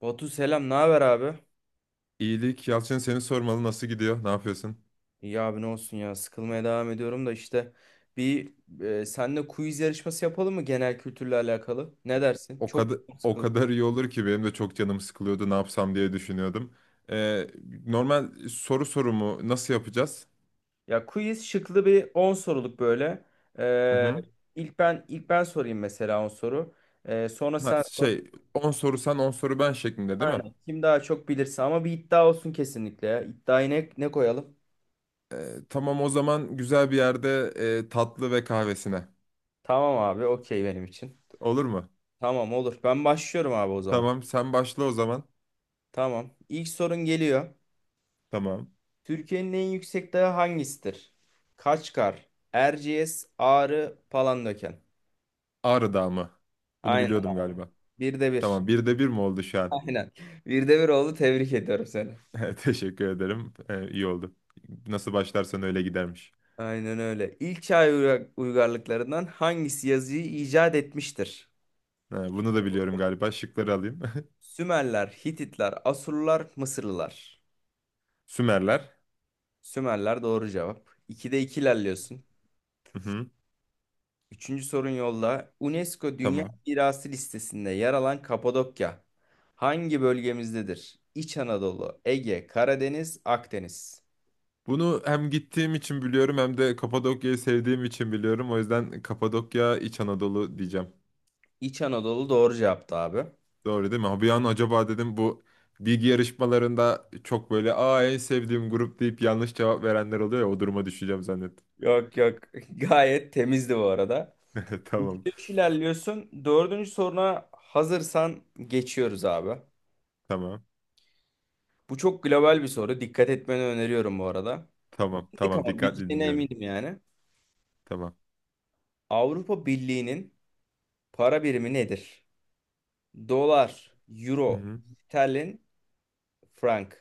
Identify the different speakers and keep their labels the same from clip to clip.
Speaker 1: Batu selam, ne haber abi?
Speaker 2: İyilik Yalçın, seni sormalı. Nasıl gidiyor? Ne yapıyorsun?
Speaker 1: İyi abi ne olsun ya, sıkılmaya devam ediyorum da işte bir seninle quiz yarışması yapalım mı genel kültürle alakalı? Ne dersin?
Speaker 2: O
Speaker 1: Çok
Speaker 2: kadar
Speaker 1: çok
Speaker 2: o
Speaker 1: sıkıldım.
Speaker 2: kadar iyi olur ki, benim de çok canım sıkılıyordu. Ne yapsam diye düşünüyordum. Ee, normal soru sorumu nasıl yapacağız?
Speaker 1: Ya quiz şıklı bir 10 soruluk böyle.
Speaker 2: Hı
Speaker 1: Ee,
Speaker 2: hı.
Speaker 1: ilk ben ilk ben sorayım mesela 10 soru. Sonra
Speaker 2: Ha,
Speaker 1: sen sor.
Speaker 2: 10 soru sen 10 soru ben şeklinde değil mi?
Speaker 1: Aynen. Kim daha çok bilirse ama bir iddia olsun kesinlikle ya. İddiayı ne koyalım?
Speaker 2: Tamam, o zaman güzel bir yerde tatlı ve kahvesine.
Speaker 1: Tamam abi, okey benim için.
Speaker 2: Olur mu?
Speaker 1: Tamam olur. Ben başlıyorum abi o zaman.
Speaker 2: Tamam, sen başla o zaman.
Speaker 1: Tamam. İlk sorun geliyor.
Speaker 2: Tamam.
Speaker 1: Türkiye'nin en yüksek dağı hangisidir? Kaçkar, Erciyes, Ağrı, Palandöken.
Speaker 2: Ağrı Dağı mı? Bunu
Speaker 1: Aynen.
Speaker 2: biliyordum galiba.
Speaker 1: Bir de bir.
Speaker 2: Tamam, birde bir mi oldu şu an?
Speaker 1: Aynen. Bir de bir oldu. Tebrik ediyorum seni.
Speaker 2: Teşekkür ederim. İyi oldu. Nasıl başlarsan öyle gidermiş.
Speaker 1: Aynen öyle. İlk çağ uygarlıklarından hangisi yazıyı icat etmiştir?
Speaker 2: Ha, bunu da biliyorum galiba. Şıkları alayım.
Speaker 1: Sümerler, Hititler, Asurlular, Mısırlılar.
Speaker 2: Sümerler.
Speaker 1: Sümerler doğru cevap. İkide iki ilerliyorsun.
Speaker 2: Hı-hı.
Speaker 1: Üçüncü sorun yolla. UNESCO Dünya
Speaker 2: Tamam.
Speaker 1: Mirası listesinde yer alan Kapadokya hangi bölgemizdedir? İç Anadolu, Ege, Karadeniz, Akdeniz.
Speaker 2: Bunu hem gittiğim için biliyorum, hem de Kapadokya'yı sevdiğim için biliyorum. O yüzden Kapadokya İç Anadolu diyeceğim.
Speaker 1: İç Anadolu doğru cevaptı abi.
Speaker 2: Doğru değil mi? Ha, bir an acaba dedim, bu bilgi yarışmalarında çok böyle en sevdiğim grup deyip yanlış cevap verenler oluyor ya, o duruma düşeceğim zannettim.
Speaker 1: Yok yok, gayet temizdi bu arada.
Speaker 2: Tamam.
Speaker 1: 3 ilerliyorsun. Dördüncü soruna hazırsan geçiyoruz abi.
Speaker 2: Tamam.
Speaker 1: Bu çok global bir soru. Dikkat etmeni öneriyorum bu arada.
Speaker 2: Tamam.
Speaker 1: Bildik
Speaker 2: Tamam.
Speaker 1: ama
Speaker 2: Dikkatli
Speaker 1: bildiğine
Speaker 2: dinliyorum.
Speaker 1: eminim yani.
Speaker 2: Tamam.
Speaker 1: Avrupa Birliği'nin para birimi nedir? Dolar, euro,
Speaker 2: Hı-hı.
Speaker 1: sterlin, frank.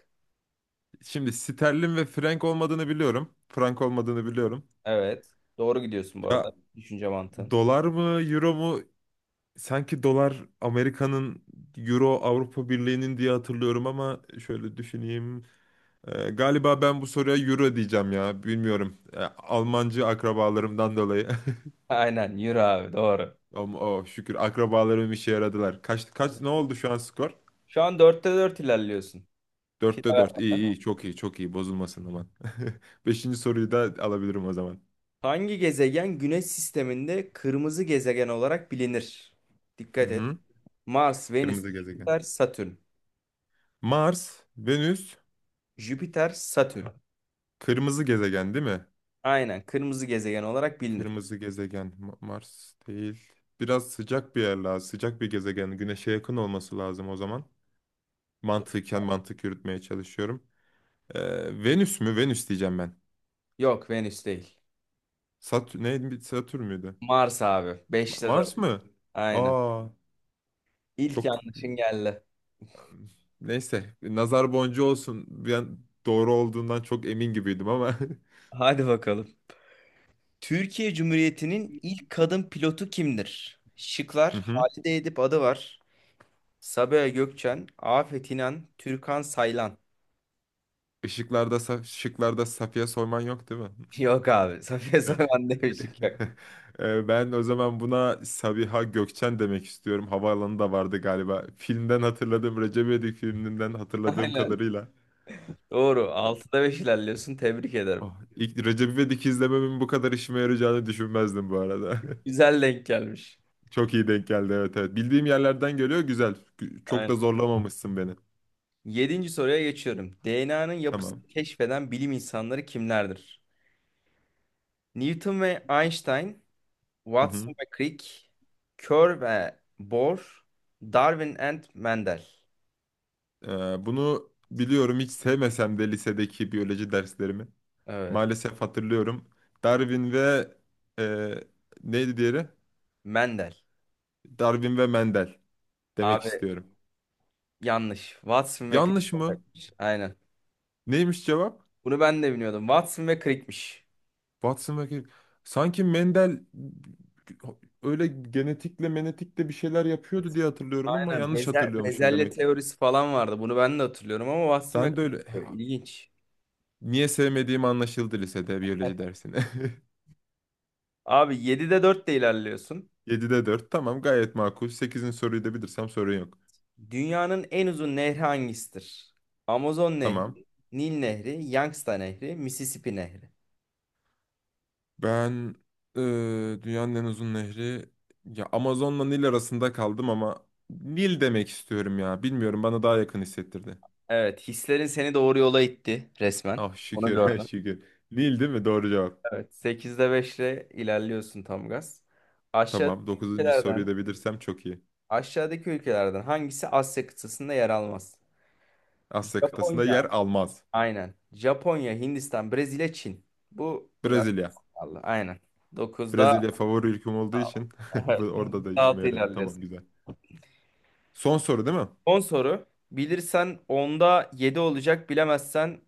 Speaker 2: Şimdi sterlin ve frank olmadığını biliyorum. Frank olmadığını biliyorum.
Speaker 1: Evet. Doğru gidiyorsun bu arada.
Speaker 2: Ya,
Speaker 1: Düşünce mantığın.
Speaker 2: dolar mı, euro mu? Sanki dolar Amerika'nın, euro Avrupa Birliği'nin diye hatırlıyorum ama şöyle düşüneyim. Galiba ben bu soruya Euro diyeceğim ya. Bilmiyorum. Almancı akrabalarımdan dolayı.
Speaker 1: Aynen euro abi doğru.
Speaker 2: Ama oh, şükür akrabalarım işe yaradılar. Kaç kaç ne oldu şu an skor?
Speaker 1: Şu an dörtte 4 ilerliyorsun. File
Speaker 2: 4'te dört. İyi
Speaker 1: vermeden.
Speaker 2: iyi, çok iyi çok iyi, bozulmasın aman. Beşinci soruyu da alabilirim o zaman.
Speaker 1: Hangi gezegen Güneş sisteminde kırmızı gezegen olarak bilinir?
Speaker 2: Hı
Speaker 1: Dikkat et.
Speaker 2: hı.
Speaker 1: Mars, Venüs,
Speaker 2: Kırmızı gezegen.
Speaker 1: Jüpiter, Satürn.
Speaker 2: Mars, Venüs,
Speaker 1: Jüpiter, Satürn.
Speaker 2: kırmızı gezegen değil mi?
Speaker 1: Aynen kırmızı gezegen olarak bilinir.
Speaker 2: Kırmızı gezegen Mars değil. Biraz sıcak bir yer lazım. Sıcak bir gezegen. Güneşe yakın olması lazım o zaman. Mantıken mantık yürütmeye çalışıyorum. Venüs mü? Venüs diyeceğim ben.
Speaker 1: Yok Venüs değil.
Speaker 2: Satür neydi? Satürn müydü?
Speaker 1: Mars abi. Beşte 4.
Speaker 2: Mars mı?
Speaker 1: Aynen.
Speaker 2: Aa,
Speaker 1: İlk
Speaker 2: çok
Speaker 1: yanlışın geldi.
Speaker 2: neyse. Nazar boncuğu olsun. Ben doğru olduğundan çok emin gibiydim ama.
Speaker 1: Hadi bakalım. Türkiye Cumhuriyeti'nin ilk kadın pilotu kimdir?
Speaker 2: Hı
Speaker 1: Şıklar
Speaker 2: hı.
Speaker 1: Halide Edip adı var. Sabiha Gökçen, Afet İnan, Türkan Saylan.
Speaker 2: Şıklarda Safiye Soyman yok değil mi?
Speaker 1: Yok abi. Safiye
Speaker 2: Evet.
Speaker 1: Soyman demişik yok.
Speaker 2: Ben o zaman buna Sabiha Gökçen demek istiyorum. Havaalanı da vardı galiba. Filmden hatırladığım, Recep İvedik filminden hatırladığım
Speaker 1: Aynen.
Speaker 2: kadarıyla.
Speaker 1: Doğru. Altıda 5 ilerliyorsun. Tebrik ederim.
Speaker 2: Oh, ilk Recep İvedik izlememin bu kadar işime yarayacağını düşünmezdim bu arada.
Speaker 1: Güzel denk gelmiş.
Speaker 2: Çok iyi denk geldi, evet evet. Bildiğim yerlerden geliyor, güzel. Çok da
Speaker 1: Aynen.
Speaker 2: zorlamamışsın beni.
Speaker 1: Yedinci soruya geçiyorum. DNA'nın yapısını
Speaker 2: Tamam.
Speaker 1: keşfeden bilim insanları kimlerdir? Newton ve Einstein,
Speaker 2: Hı hı.
Speaker 1: Watson ve Crick, Kerr ve Bohr, Darwin and Mendel.
Speaker 2: Bunu biliyorum hiç sevmesem de lisedeki biyoloji derslerimi.
Speaker 1: Evet.
Speaker 2: Maalesef hatırlıyorum. Darwin ve e, neydi diğeri?
Speaker 1: Mendel.
Speaker 2: Darwin ve Mendel demek
Speaker 1: Abi
Speaker 2: istiyorum.
Speaker 1: yanlış. Watson ve Crick
Speaker 2: Yanlış mı?
Speaker 1: olacakmış. Aynen.
Speaker 2: Neymiş cevap?
Speaker 1: Bunu ben de bilmiyordum. Watson ve Crick'miş.
Speaker 2: Watson ve Crick. Sanki Mendel öyle genetikle menetikle bir şeyler
Speaker 1: Evet.
Speaker 2: yapıyordu diye hatırlıyorum ama
Speaker 1: Aynen.
Speaker 2: yanlış hatırlıyormuşum
Speaker 1: Bezelye
Speaker 2: demek.
Speaker 1: teorisi falan vardı. Bunu ben de hatırlıyorum ama Watson ve
Speaker 2: Ben de öyle.
Speaker 1: Crick.
Speaker 2: Ya,
Speaker 1: İlginç.
Speaker 2: niye sevmediğim anlaşıldı lisede biyoloji dersini.
Speaker 1: Abi 7'de 4 de ilerliyorsun.
Speaker 2: 7'de dört, tamam, gayet makul. Sekizin soruyu da bilirsem sorun yok.
Speaker 1: Dünyanın en uzun nehri hangisidir? Amazon Nehri,
Speaker 2: Tamam.
Speaker 1: Nil Nehri, Yangtze Nehri, Mississippi Nehri.
Speaker 2: Ben e, dünyanın en uzun nehri, ya Amazon'la Nil arasında kaldım ama Nil demek istiyorum ya. Bilmiyorum, bana daha yakın hissettirdi.
Speaker 1: Evet, hislerin seni doğru yola itti resmen.
Speaker 2: Ah
Speaker 1: Onu
Speaker 2: şükür
Speaker 1: gördüm.
Speaker 2: şükür. Nil değil mi? Doğru cevap.
Speaker 1: Evet, sekizde 5'le ilerliyorsun tam gaz. Aşağıdaki
Speaker 2: Tamam. Dokuzuncu
Speaker 1: ülkelerden
Speaker 2: soruyu da bilirsem çok iyi.
Speaker 1: Aşağıdaki ülkelerden hangisi Asya kıtasında yer almaz?
Speaker 2: Asya kıtasında
Speaker 1: Japonya.
Speaker 2: yer almaz.
Speaker 1: Aynen. Japonya, Hindistan, Brezilya, Çin. Bu biraz
Speaker 2: Brezilya.
Speaker 1: pahalı. Aynen. Dokuzda
Speaker 2: Brezilya favori ülkem olduğu için orada da işime
Speaker 1: altı
Speaker 2: yaradı.
Speaker 1: ilerleriz.
Speaker 2: Tamam, güzel. Son soru değil mi?
Speaker 1: Son soru. Bilirsen onda 7 olacak, bilemezsen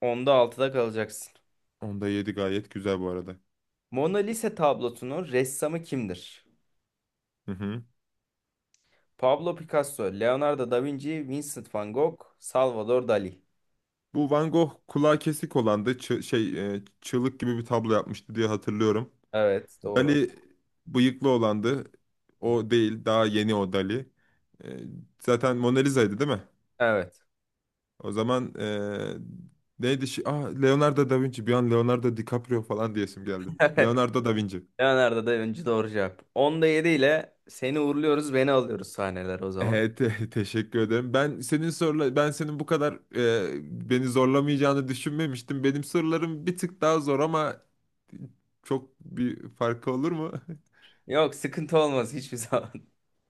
Speaker 1: onda altıda kalacaksın.
Speaker 2: Onda yedi gayet güzel bu arada.
Speaker 1: Mona Lisa tablosunun ressamı kimdir?
Speaker 2: Hı hı.
Speaker 1: Pablo Picasso, Leonardo da Vinci, Vincent van Gogh, Salvador Dali.
Speaker 2: Bu Van Gogh kulağı kesik olan da çığlık gibi bir tablo yapmıştı diye hatırlıyorum.
Speaker 1: Evet, doğru.
Speaker 2: Dali bıyıklı olandı. O değil. Daha yeni o Dali. Ee, zaten Mona Lisa'ydı değil mi?
Speaker 1: Evet.
Speaker 2: O zaman neydi? Şi... Ah, Leonardo da Vinci. Bir an Leonardo DiCaprio falan diyesim geldi. Leonardo da Vinci.
Speaker 1: Leonardo da Vinci doğru cevap. 10'da 7 ile seni uğurluyoruz, beni alıyoruz sahneler o zaman.
Speaker 2: Teşekkür ederim. Ben senin bu kadar beni zorlamayacağını düşünmemiştim. Benim sorularım bir tık daha zor ama çok bir farkı olur mu?
Speaker 1: Yok sıkıntı olmaz hiçbir zaman.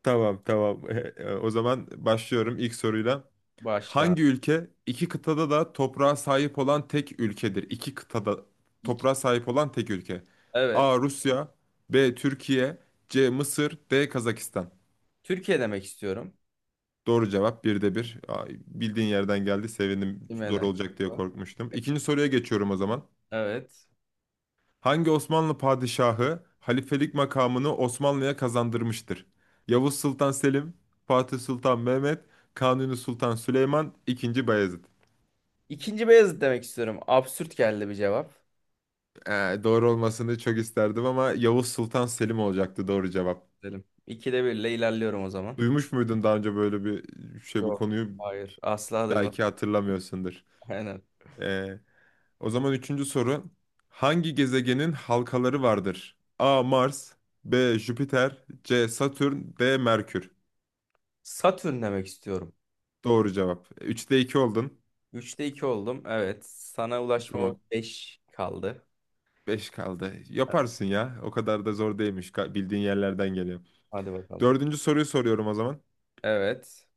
Speaker 2: Tamam, tamam. O zaman başlıyorum ilk soruyla.
Speaker 1: Başla.
Speaker 2: Hangi ülke iki kıtada da toprağa sahip olan tek ülkedir? İki kıtada
Speaker 1: İki.
Speaker 2: toprağa sahip olan tek ülke.
Speaker 1: Evet.
Speaker 2: A. Rusya B. Türkiye C. Mısır D. Kazakistan.
Speaker 1: Türkiye demek istiyorum.
Speaker 2: Doğru cevap, birde bir. Ay, bildiğin yerden geldi. Sevindim. Zor
Speaker 1: Bilmeden.
Speaker 2: olacak diye korkmuştum. İkinci soruya geçiyorum o zaman.
Speaker 1: Evet.
Speaker 2: Hangi Osmanlı padişahı halifelik makamını Osmanlı'ya kazandırmıştır? Yavuz Sultan Selim, Fatih Sultan Mehmet, Kanuni Sultan Süleyman, II. Bayezid.
Speaker 1: İkinci Beyazıt demek istiyorum. Absürt geldi bir cevap.
Speaker 2: Doğru olmasını çok isterdim ama Yavuz Sultan Selim olacaktı doğru cevap.
Speaker 1: Dedim. İkide bir ile ilerliyorum o zaman.
Speaker 2: Duymuş muydun daha önce böyle bir şey, bu
Speaker 1: Yok.
Speaker 2: konuyu?
Speaker 1: Hayır. Asla duymam.
Speaker 2: Belki hatırlamıyorsundur.
Speaker 1: Aynen.
Speaker 2: Ee, o zaman üçüncü soru. Hangi gezegenin halkaları vardır? A. Mars B. Jüpiter C. Satürn D. Merkür.
Speaker 1: Satürn demek istiyorum.
Speaker 2: Doğru cevap. Üçte iki oldun.
Speaker 1: Üçte iki oldum. Evet. Sana ulaşma
Speaker 2: Tamam.
Speaker 1: 5 kaldı.
Speaker 2: Beş kaldı.
Speaker 1: Evet,
Speaker 2: Yaparsın ya. O kadar da zor değilmiş. Bildiğin yerlerden geliyor.
Speaker 1: hadi bakalım.
Speaker 2: Dördüncü soruyu soruyorum o zaman.
Speaker 1: Evet.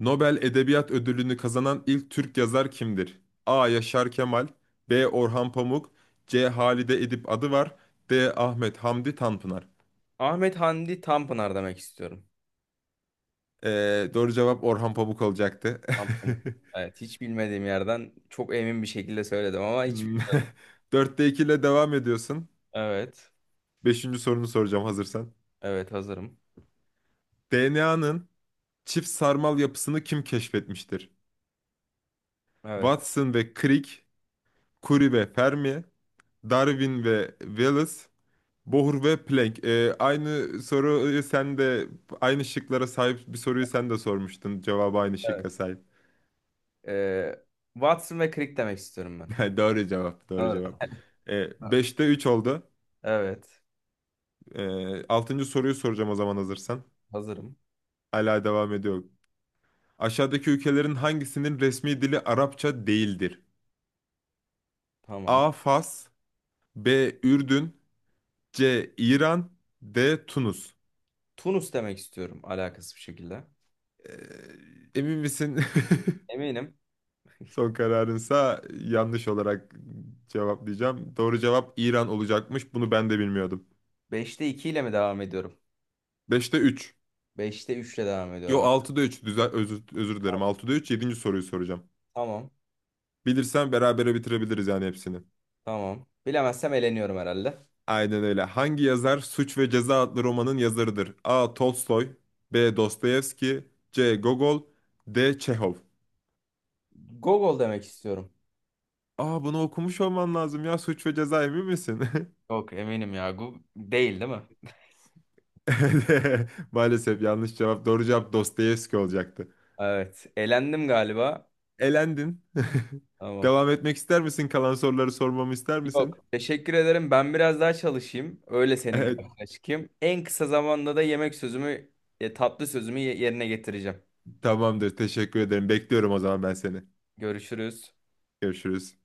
Speaker 2: Nobel Edebiyat Ödülünü kazanan ilk Türk yazar kimdir? A. Yaşar Kemal, B. Orhan Pamuk, C. Halide Edip Adıvar, D. Ahmet Hamdi Tanpınar.
Speaker 1: Ahmet Hamdi Tanpınar demek istiyorum.
Speaker 2: Doğru cevap Orhan Pamuk olacaktı.
Speaker 1: Tanpınar. Evet, hiç bilmediğim yerden çok emin bir şekilde söyledim ama hiç...
Speaker 2: Hmm. Dörtte 2 ile devam ediyorsun.
Speaker 1: Evet,
Speaker 2: Beşinci sorunu soracağım hazırsan.
Speaker 1: evet hazırım.
Speaker 2: DNA'nın çift sarmal yapısını kim keşfetmiştir?
Speaker 1: Evet,
Speaker 2: Watson ve Crick, Curie ve Fermi, Darwin ve Wallace, Bohr ve Planck. Aynı soruyu sen de, aynı şıklara sahip bir soruyu sen de sormuştun. Cevabı aynı şıkka
Speaker 1: evet.
Speaker 2: sahip.
Speaker 1: Ee, Watson ve Crick demek istiyorum ben.
Speaker 2: Doğru cevap, doğru
Speaker 1: Evet.
Speaker 2: cevap.
Speaker 1: Ha.
Speaker 2: 5'te 3 oldu.
Speaker 1: Evet,
Speaker 2: 6. soruyu soracağım o zaman hazırsan.
Speaker 1: hazırım.
Speaker 2: Hala devam ediyor. Aşağıdaki ülkelerin hangisinin resmi dili Arapça değildir?
Speaker 1: Tamam.
Speaker 2: A. Fas B. Ürdün C. İran D. Tunus.
Speaker 1: Tunus demek istiyorum alakasız bir şekilde.
Speaker 2: Ee, emin misin?
Speaker 1: Eminim.
Speaker 2: Son kararınsa yanlış olarak cevaplayacağım. Doğru cevap İran olacakmış. Bunu ben de bilmiyordum.
Speaker 1: Beşte iki ile mi devam ediyorum?
Speaker 2: Beşte 3.
Speaker 1: Beşte 3 ile devam
Speaker 2: Yo,
Speaker 1: ediyorum. Evet.
Speaker 2: altıda üç. Özür, özür dilerim. Altıda 3. Yedinci soruyu soracağım.
Speaker 1: Tamam,
Speaker 2: Bilirsen berabere bitirebiliriz yani hepsini.
Speaker 1: tamam. Bilemezsem eleniyorum herhalde.
Speaker 2: Aynen öyle. Hangi yazar Suç ve Ceza adlı romanın yazarıdır? A. Tolstoy B. Dostoyevski C. Gogol D. Çehov.
Speaker 1: Gogol demek istiyorum.
Speaker 2: Bunu okumuş olman lazım ya. Suç ve Ceza, emin misin?
Speaker 1: Yok eminim ya. Değil mi?
Speaker 2: Maalesef yanlış cevap. Doğru cevap Dostoyevski olacaktı.
Speaker 1: Evet. Elendim galiba.
Speaker 2: Elendin.
Speaker 1: Tamam.
Speaker 2: Devam etmek ister misin? Kalan soruları sormamı ister
Speaker 1: Yok.
Speaker 2: misin?
Speaker 1: Teşekkür ederim. Ben biraz daha çalışayım. Öyle senin
Speaker 2: Evet,
Speaker 1: karşına çıkayım. En kısa zamanda da yemek sözümü, tatlı sözümü yerine getireceğim.
Speaker 2: tamamdır. Teşekkür ederim. Bekliyorum o zaman ben seni.
Speaker 1: Görüşürüz.
Speaker 2: Görüşürüz.